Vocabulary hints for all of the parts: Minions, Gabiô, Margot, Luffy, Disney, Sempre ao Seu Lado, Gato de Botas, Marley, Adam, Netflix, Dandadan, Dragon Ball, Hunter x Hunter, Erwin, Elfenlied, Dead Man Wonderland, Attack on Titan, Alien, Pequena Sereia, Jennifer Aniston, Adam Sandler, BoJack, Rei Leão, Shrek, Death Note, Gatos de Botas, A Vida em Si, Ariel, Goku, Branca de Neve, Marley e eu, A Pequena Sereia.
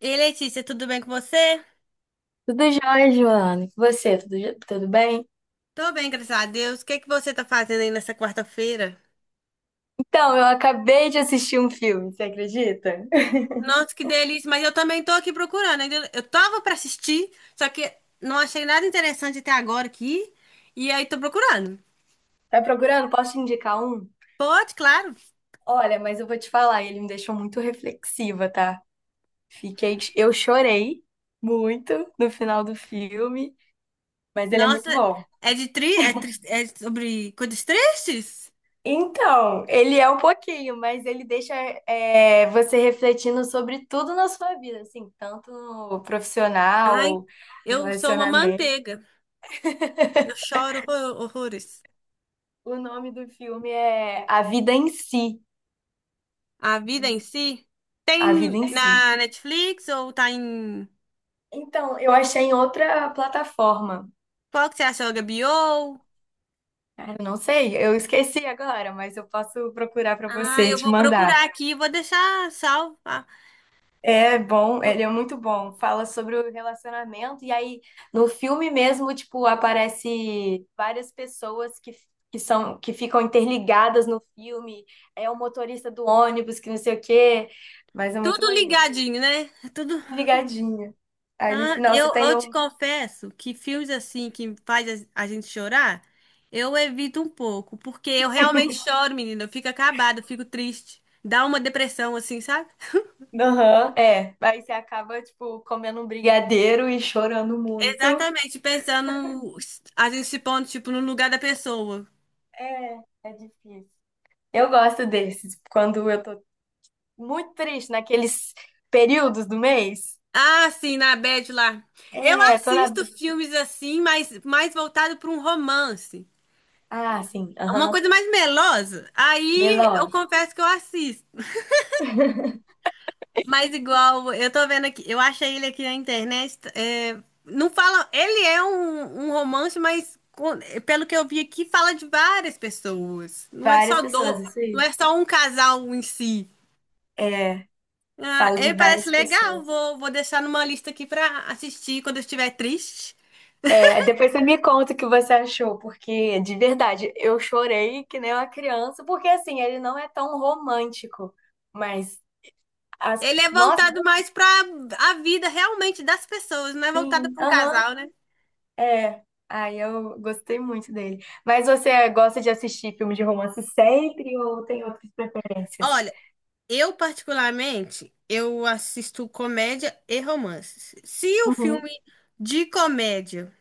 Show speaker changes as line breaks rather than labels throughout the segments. E Letícia, tudo bem com você?
Tudo jóia, Joana? E você, tudo bem?
Tô bem, graças a Deus. O que que você tá fazendo aí nessa quarta-feira?
Então, eu acabei de assistir um filme, você acredita?
Nossa, que delícia, mas eu também tô aqui procurando. Eu tava pra assistir, só que não achei nada interessante até agora aqui. E aí tô procurando.
Tá procurando? Posso te indicar um?
Pode, claro.
Olha, mas eu vou te falar, ele me deixou muito reflexiva, tá? Eu chorei muito no final do filme, mas ele é
Nossa,
muito bom.
é de tri- é sobre coisas tristes?
Então, ele é um pouquinho, mas ele deixa você refletindo sobre tudo na sua vida, assim, tanto no
Ai,
profissional,
eu sou uma
relacionamento.
manteiga. Eu choro horrores.
O nome do filme é A Vida em Si.
A vida em si
A Vida
tem
em Si.
na Netflix ou tá em...
Então, eu achei em outra plataforma.
Qual que você achou, HBO?
Ah, eu não sei, eu esqueci agora, mas eu posso procurar para
Ah,
você e
eu
te
vou
mandar.
procurar aqui, e vou deixar salvo. Ah,
É bom, ele
tu-
é muito bom. Fala sobre o relacionamento, e aí no filme mesmo, tipo, aparece várias pessoas que são que ficam interligadas no filme. É o motorista do ônibus, que não sei o quê, mas é muito
Tudo
maneiro.
ligadinho, né? É tudo.
Ligadinha. Aí no
Ah,
final
eu,
você tem
eu te
o
confesso que filmes assim que faz a gente chorar, eu evito um pouco, porque eu realmente choro, menina. Eu fico acabada, eu fico triste. Dá uma depressão, assim, sabe?
Aham, é. Aí você acaba, tipo, comendo um brigadeiro e chorando muito.
Exatamente, pensando, a gente se pondo, tipo, no lugar da pessoa.
É, é difícil. Eu gosto desses, quando eu tô muito triste, naqueles períodos do mês.
Ah, sim, na Bad lá. Eu
É, tô na.
assisto filmes assim, mas mais voltado para um romance.
Ah, sim,
Uma
aham.
coisa mais melosa. Aí eu
Melose.
confesso que eu assisto. Mas igual, eu tô vendo aqui, eu achei ele aqui na internet. É, não fala. Ele é um romance, pelo que eu vi aqui, fala de várias pessoas.
Várias pessoas, isso
Não
aí.
é só um casal em si.
É,
Ah,
falo de
ele parece
várias
legal.
pessoas.
Vou deixar numa lista aqui pra assistir quando eu estiver triste.
É, aí depois você me conta o que você achou, porque de verdade, eu chorei que nem uma criança, porque assim, ele não é tão romântico, mas as.
Ele é
Nossa,
voltado mais pra a vida realmente das pessoas, não é voltado
sim,
pra um
aham,
casal, né?
é. Aí eu gostei muito dele. Mas você gosta de assistir filme de romance sempre ou tem outras preferências?
Olha, eu, particularmente, eu assisto comédia e romance. Se o
Uhum,
filme de comédia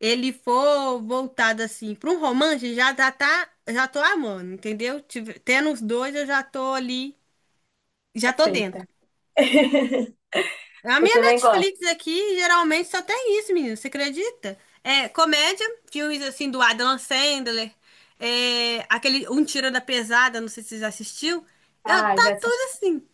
ele for voltado assim para um romance, já tô amando, entendeu? Tendo os dois, eu já tô ali, já tô dentro.
perfeita.
A
Eu
minha
também gosto.
Netflix aqui geralmente só tem isso, menino. Você acredita? É comédia, filmes assim do Adam Sandler, é, aquele Um Tira da Pesada, não sei se você já assistiu. Eu,
Ah,
tá
já
tudo
assisti.
assim.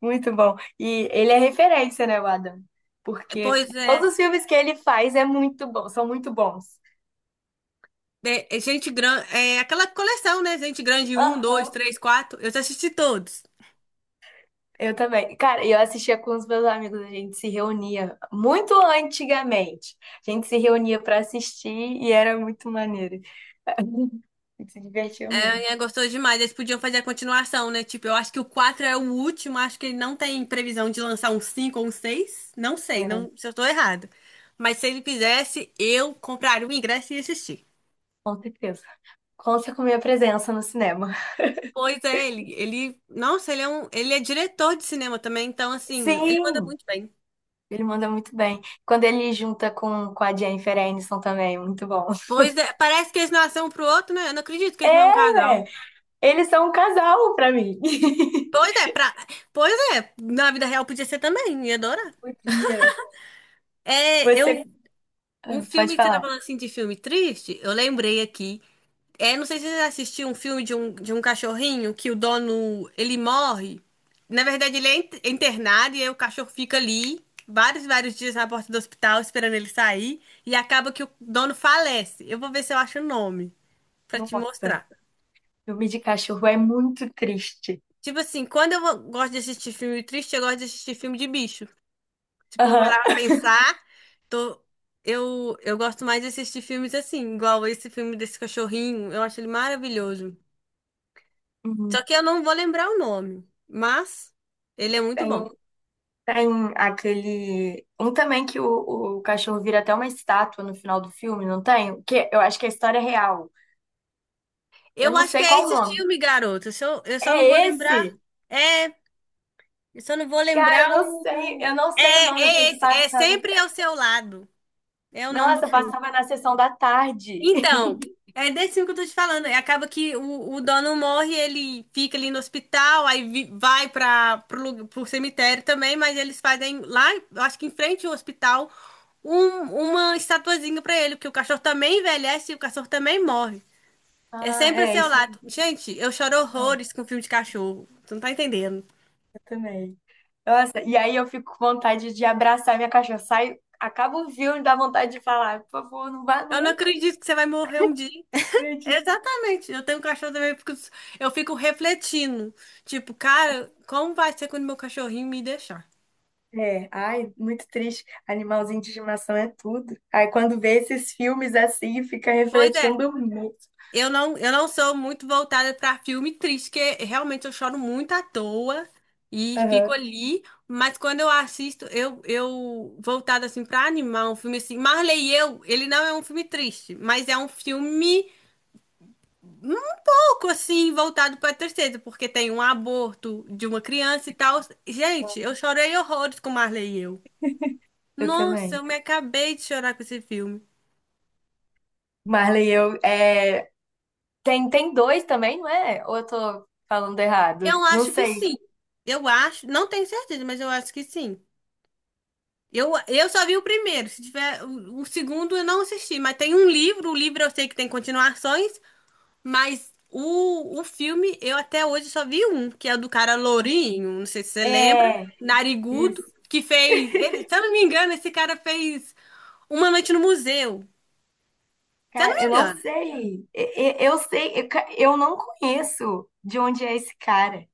Muito bom. E ele é referência, né, o Adam? Porque
Pois é.
todos os filmes que ele faz é muito bom, são muito bons.
É, é Gente Grande, é aquela coleção, né? Gente Grande, um, dois,
Aham,
três, quatro. Eu já assisti todos.
eu também. Cara, eu assistia com os meus amigos, a gente se reunia muito antigamente. A gente se reunia pra assistir e era muito maneiro. Tem que se divertir muito.
É, a gostou demais. Eles podiam fazer a continuação, né? Tipo, eu acho que o quatro é o último. Acho que ele não tem previsão de lançar um cinco ou um seis. Não sei,
É,
não, se eu tô errado. Mas se ele fizesse, eu compraria o ingresso e ia assistir.
com certeza. Conta com minha presença no cinema.
Pois é, nossa, ele é diretor de cinema também, então assim, ele manda
Sim,
muito bem.
ele manda muito bem. Quando ele junta com a Jennifer Aniston também, muito bom.
Pois é, parece que eles nasceram um pro outro, né? Eu não acredito que eles
É,
não é um casal.
velho, eles são um casal pra mim.
Pois é, pra... pois é, na vida real podia ser também, ia adorar.
Podia.
É, eu,
Você
um
Ah, pode
filme que você tá
falar.
falando assim de filme triste, eu lembrei aqui. É, não sei se você já assistiu um filme de um cachorrinho que o dono, ele morre. Na verdade, ele é internado e aí o cachorro fica ali vários dias na porta do hospital esperando ele sair e acaba que o dono falece. Eu vou ver se eu acho o nome pra te
Nossa,
mostrar.
filme de cachorro é muito triste.
Tipo assim, gosto de assistir filme triste, eu gosto de assistir filme de bicho. Tipo, eu
Aham.
parar pra pensar. Tô... Eu gosto mais de assistir filmes assim, igual esse filme desse cachorrinho. Eu acho ele maravilhoso.
Uhum.
Só que eu não vou lembrar o nome, mas ele é muito
Tem,
bom.
um- tem aquele. Um também que o cachorro vira até uma estátua no final do filme, não tem? Que eu acho que é a história real. Eu
Eu
não
acho que
sei
é
qual o
esse
nome.
filme, garoto. Se Eu só, eu só não vou
É
lembrar.
esse?
É, eu só não vou
Cara,
lembrar
eu não sei. Eu
o.
não
É,
sei o nome. Eu sei
é
que
esse. É
passava.
Sempre ao Seu Lado. É o nome do
Nossa,
filme.
passava na sessão da tarde.
Então, é desse filme que eu tô te falando. E acaba que o dono morre, ele fica ali no hospital, aí vai pro cemitério também, mas eles fazem lá, eu acho que em frente ao hospital, uma estatuazinha pra ele, porque o cachorro também envelhece e o cachorro também morre. É
Ah,
sempre a
é
seu
isso
lado.
aí.
Gente, eu choro
Não, eu
horrores com filme de cachorro. Tu não tá entendendo.
também. Nossa, e aí eu fico com vontade de abraçar minha cachorra. Saio, acabo o filme, dá vontade de falar, por favor, não vá
Eu não
nunca.
acredito que você vai morrer um dia.
Acredito.
Exatamente. Eu tenho um cachorro também, porque eu fico refletindo. Tipo, cara, como vai ser quando meu cachorrinho me deixar?
É, ai, muito triste. Animalzinho de estimação é tudo. Aí quando vê esses filmes assim, fica
Pois é,
refletindo muito.
eu não sou muito voltada pra filme triste, porque realmente eu choro muito à toa e fico
Aham,
ali, mas quando eu assisto, eu voltada assim pra animar um filme assim. Marley e eu, ele não é um filme triste, mas é um filme um pouco assim voltado pra tristeza, porque tem um aborto de uma criança e tal. Gente, eu chorei horrores com Marley e eu.
eu
Nossa, eu
também.
me acabei de chorar com esse filme.
Marley, eu, é, tem dois também, não é? Ou eu tô falando errado?
Eu
Não
acho que
sei.
sim. Eu acho, não tenho certeza, mas eu acho que sim. Eu só vi o primeiro. Se tiver o segundo, eu não assisti. Mas tem um livro. O livro eu sei que tem continuações, mas o filme eu até hoje só vi um, que é o do cara lourinho. Não sei se você lembra,
É,
narigudo,
isso.
se eu não me engano, esse cara fez Uma Noite no Museu. Se eu não
Cara, eu
me
não
engano.
sei. Eu não conheço de onde é esse cara.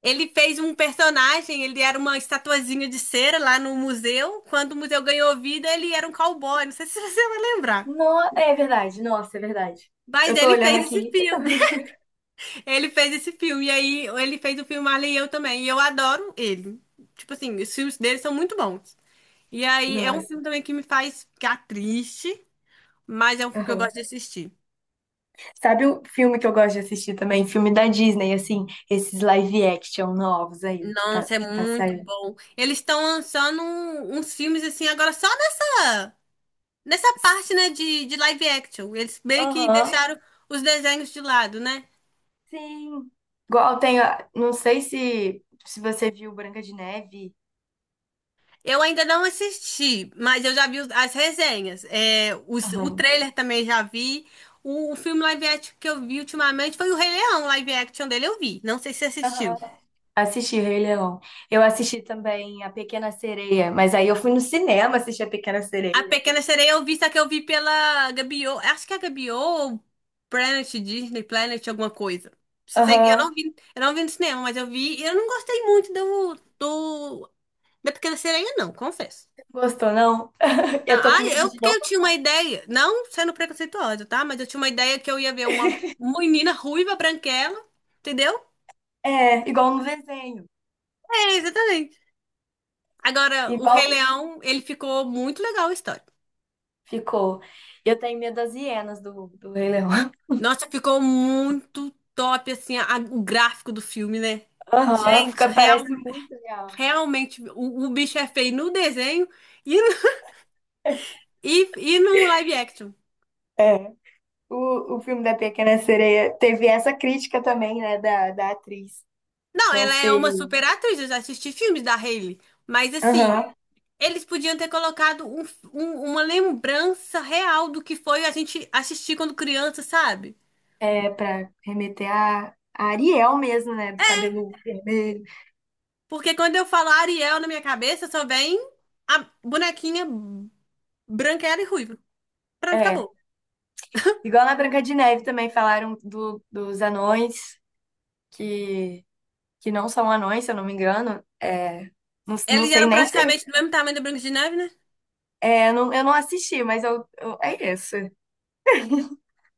Ele fez um personagem, ele era uma estatuazinha de cera lá no museu. Quando o museu ganhou vida, ele era um cowboy. Não sei se você vai lembrar.
No, é verdade, nossa, é verdade.
Mas
Eu tô
ele
olhando
fez esse
aqui.
filme. Ele fez esse filme. E aí ele fez o filme Alien e Eu Também. E eu adoro ele. Tipo assim, os filmes dele são muito bons. E aí é um
Nossa.
filme também que me faz ficar triste, mas é um filme que eu
Aham.
gosto de assistir.
Sabe o filme que eu gosto de assistir também? Filme da Disney, assim, esses live action novos aí que tá,
Nossa, é
que tá
muito
saindo.
bom. Eles estão lançando uns filmes assim agora só da... Nessa parte, né, de live action, eles meio que
Aham.
deixaram os desenhos de lado, né?
Sim. Igual tem, não sei se você viu Branca de Neve.
Eu ainda não assisti, mas eu já vi as resenhas. É, o
Aham.
trailer também já vi. O filme live action que eu vi ultimamente foi o Rei Leão, o live action dele eu vi. Não sei se você assistiu.
Aham. Assisti Rei Leão. Eu assisti também A Pequena Sereia, mas aí eu fui no cinema assistir A Pequena
A
Sereia.
Pequena Sereia eu vi, só que eu vi pela Gabiô. Acho que é a Gabiô ou Planet Disney, Planet, alguma coisa. Só sei,
Aham.
eu não vi no cinema, mas eu vi. E eu não gostei muito da Pequena Sereia, não, confesso.
Gostou, não?
Não,
Eu tô
ah,
com medo
eu,
de
porque
não.
eu tinha uma ideia, não sendo preconceituosa, tá? Mas eu tinha uma ideia que eu ia ver uma menina ruiva, branquela, entendeu?
É, igual no desenho.
É, exatamente. Agora, o
Igual
Rei Leão, ele ficou muito legal a história.
ficou. Eu tenho medo das hienas do Rei Leão.
Nossa, ficou muito top, assim, o gráfico do filme, né?
Aham,
Gente,
fica,
real,
parece muito real.
realmente, o bicho é feio no desenho e, no- e no live action.
É. O filme da Pequena Sereia teve essa crítica também, né, da atriz.
Não,
Não
ela é
sei.
uma super atriz, eu já assisti filmes da Hailey, mas assim.
Aham.
Eles podiam ter colocado uma lembrança real do que foi a gente assistir quando criança, sabe?
É, pra remeter a Ariel mesmo, né? Do cabelo vermelho.
Porque quando eu falo Ariel na minha cabeça, só vem a bonequinha branquela e ruiva. Pronto,
É,
acabou.
igual na Branca de Neve também falaram do, dos anões, que, que não são anões, se eu não me engano. É, não, não
Eles
sei
eram
nem se.
praticamente do mesmo tamanho da Branca de Neve, né?
É, não, eu não assisti, mas é isso.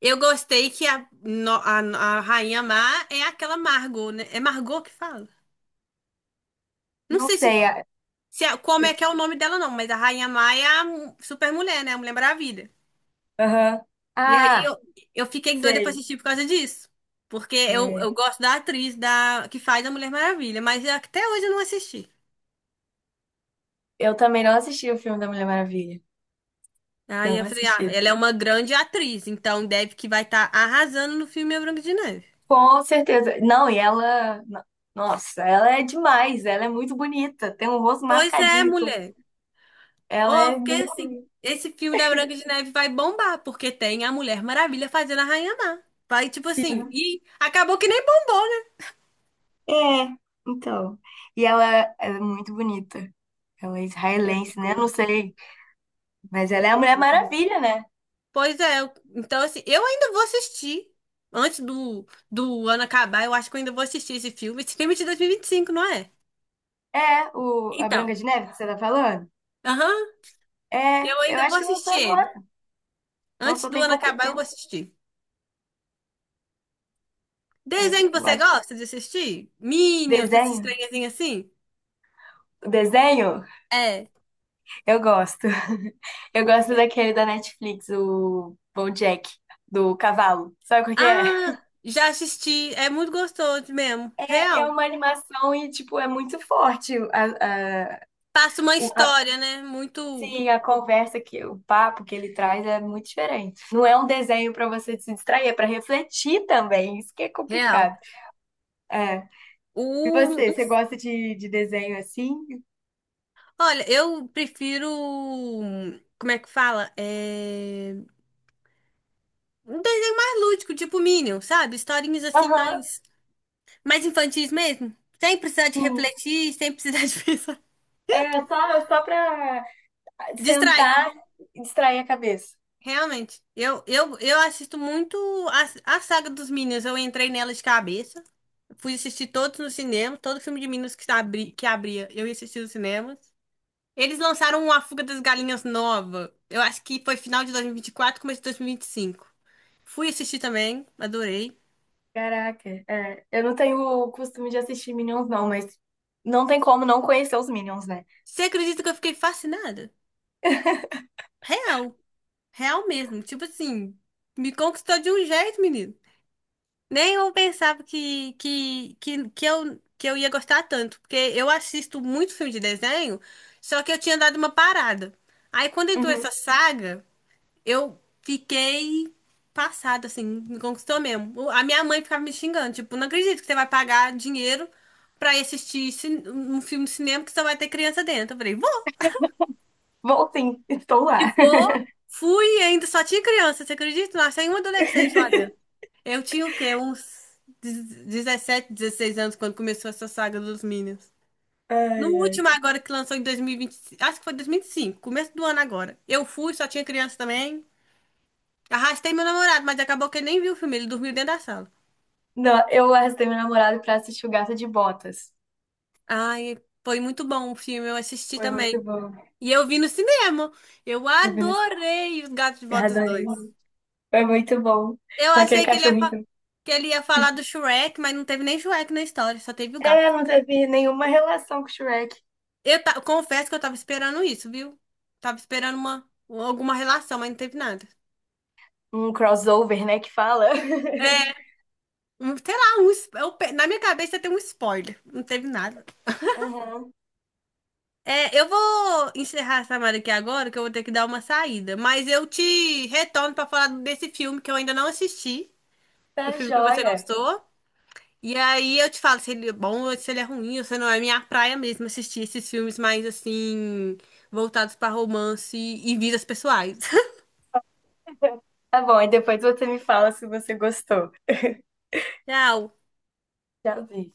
Eu gostei que a, no- a Rainha Má é aquela Margot, né? É Margot que fala. Não
Não
sei se,
sei.
se é- como é que é o nome dela, não, mas a Rainha Má é a super mulher, né? A Mulher Maravilha.
Aham.
E aí
Ah,
eu fiquei doida pra
sei.
assistir por causa disso. Porque eu
É,
gosto da atriz da, que faz a Mulher Maravilha, mas até hoje eu não assisti.
eu também não assisti o filme da Mulher Maravilha.
Aí
Não
eu falei, ah,
assisti.
ela é uma grande atriz, então deve que vai estar arrasando no filme A Branca de Neve.
Com certeza. Não, e ela. Nossa, ela é demais. Ela é muito bonita. Tem um rosto
Pois é,
marcadíssimo.
mulher. Ô,
Ela é
porque
muito.
assim, esse filme da Branca de Neve vai bombar, porque tem a Mulher Maravilha fazendo a Rainha Má. Vai, tipo assim,
Sim.
e acabou que nem bombou, né?
É, então. E ela, é muito bonita. Ela é
É,
israelense, né? Não
ficou,
sei. Mas ela é a
ficou
Mulher
muito...
Maravilha, né?
Pois é, então assim, eu ainda vou assistir. Antes do ano acabar, eu acho que eu ainda vou assistir esse filme. Esse filme é de 2025, não é?
É, o, a
Então,
Branca de Neve que você tá falando?
aham,
É,
eu
eu
ainda vou
acho que lançou
assistir ele.
agora.
Antes
Lançou
do
tem
ano
pouco
acabar, eu vou
tempo.
assistir.
É,
Desenho que
eu
você
acho.
gosta de assistir? Minions, esses
Desenho.
trenzinhos assim?
Desenho?
É.
Eu gosto. Eu gosto daquele da Netflix, o BoJack, do cavalo. Sabe qual que é?
Ah, já assisti. É muito gostoso mesmo.
É, é
Real.
uma animação e, tipo, é muito forte.
Passa uma
O- a-
história, né? Muito
sim, a conversa, o papo que ele traz é muito diferente. Não é um desenho pra você se distrair, é pra refletir também. Isso que é
real.
complicado. É. E você gosta de desenho assim?
Olha, eu prefiro... um, como é que fala? É... um desenho mais lúdico, tipo Minion, sabe? Historinhas assim
Aham,
mais, mais infantis mesmo. Sem precisar de
sim.
refletir, sem precisar de pensar.
É só, pra
Distrair,
sentar e distrair a cabeça.
realmente. Eu assisto muito a saga dos Minions. Eu entrei nela de cabeça. Fui assistir todos no cinema. Todo filme de Minions que abria, eu ia assistir nos cinemas. Eles lançaram A Fuga das Galinhas nova. Eu acho que foi final de 2024, começo de 2025. Fui assistir também, adorei.
Caraca, é. Eu não tenho o costume de assistir Minions, não, mas não tem como não conhecer os Minions, né?
Você acredita que eu fiquei fascinada? Real, real mesmo. Tipo assim, me conquistou de um jeito, menino. Nem eu pensava que eu ia gostar tanto. Porque eu assisto muito filme de desenho, só que eu tinha dado uma parada. Aí quando entrou essa
Uhum.
saga, eu fiquei passada, assim, me conquistou mesmo. A minha mãe ficava me xingando, tipo, não acredito que você vai pagar dinheiro pra ir um filme de cinema que só vai ter criança dentro. Eu falei,
Bom, sim, estou
e
lá.
vou, fui e ainda, só tinha criança, você acredita? Não achei um adolescente lá dentro. Eu tinha o quê? Uns 17, 16 anos quando começou essa saga dos Minions.
Ai,
No
ai.
último agora que lançou em 2025, acho que foi 2005 começo do ano agora. Eu fui, só tinha criança também. Arrastei meu namorado, mas acabou que ele nem viu o filme, ele dormiu dentro da sala.
Não, eu arrastei meu namorado pra assistir o Gato de Botas.
Ai, foi muito bom o filme, eu assisti
Foi
também.
muito bom.
E eu vi no cinema. Eu
Eu vi no...
adorei Os Gatos de
Eu
Botas
adorei.
dois.
Foi muito bom.
Eu
Com aquele
achei que
cachorrinho.
que ele ia falar do Shrek, mas não teve nem Shrek na história, só teve o
É,
gato.
não teve nenhuma relação com o Shrek.
Eu confesso que eu tava esperando isso, viu? Tava esperando uma, alguma relação, mas não teve nada.
Um crossover, né, que fala.
Um- sei lá, um, es- eu pe- na minha cabeça tem um spoiler, não teve nada.
Aham.
É, eu vou encerrar essa chamada aqui agora, que eu vou ter que dar uma saída. Mas eu te retorno pra falar desse filme que eu ainda não assisti, do
Tá
filme que você
joia.
gostou. E aí eu te falo se ele é bom ou se ele é ruim, ou se não é minha praia mesmo assistir esses filmes mais assim, voltados pra romance e vidas pessoais.
Tá bom, e depois você me fala se você gostou.
Tchau.
Já vi.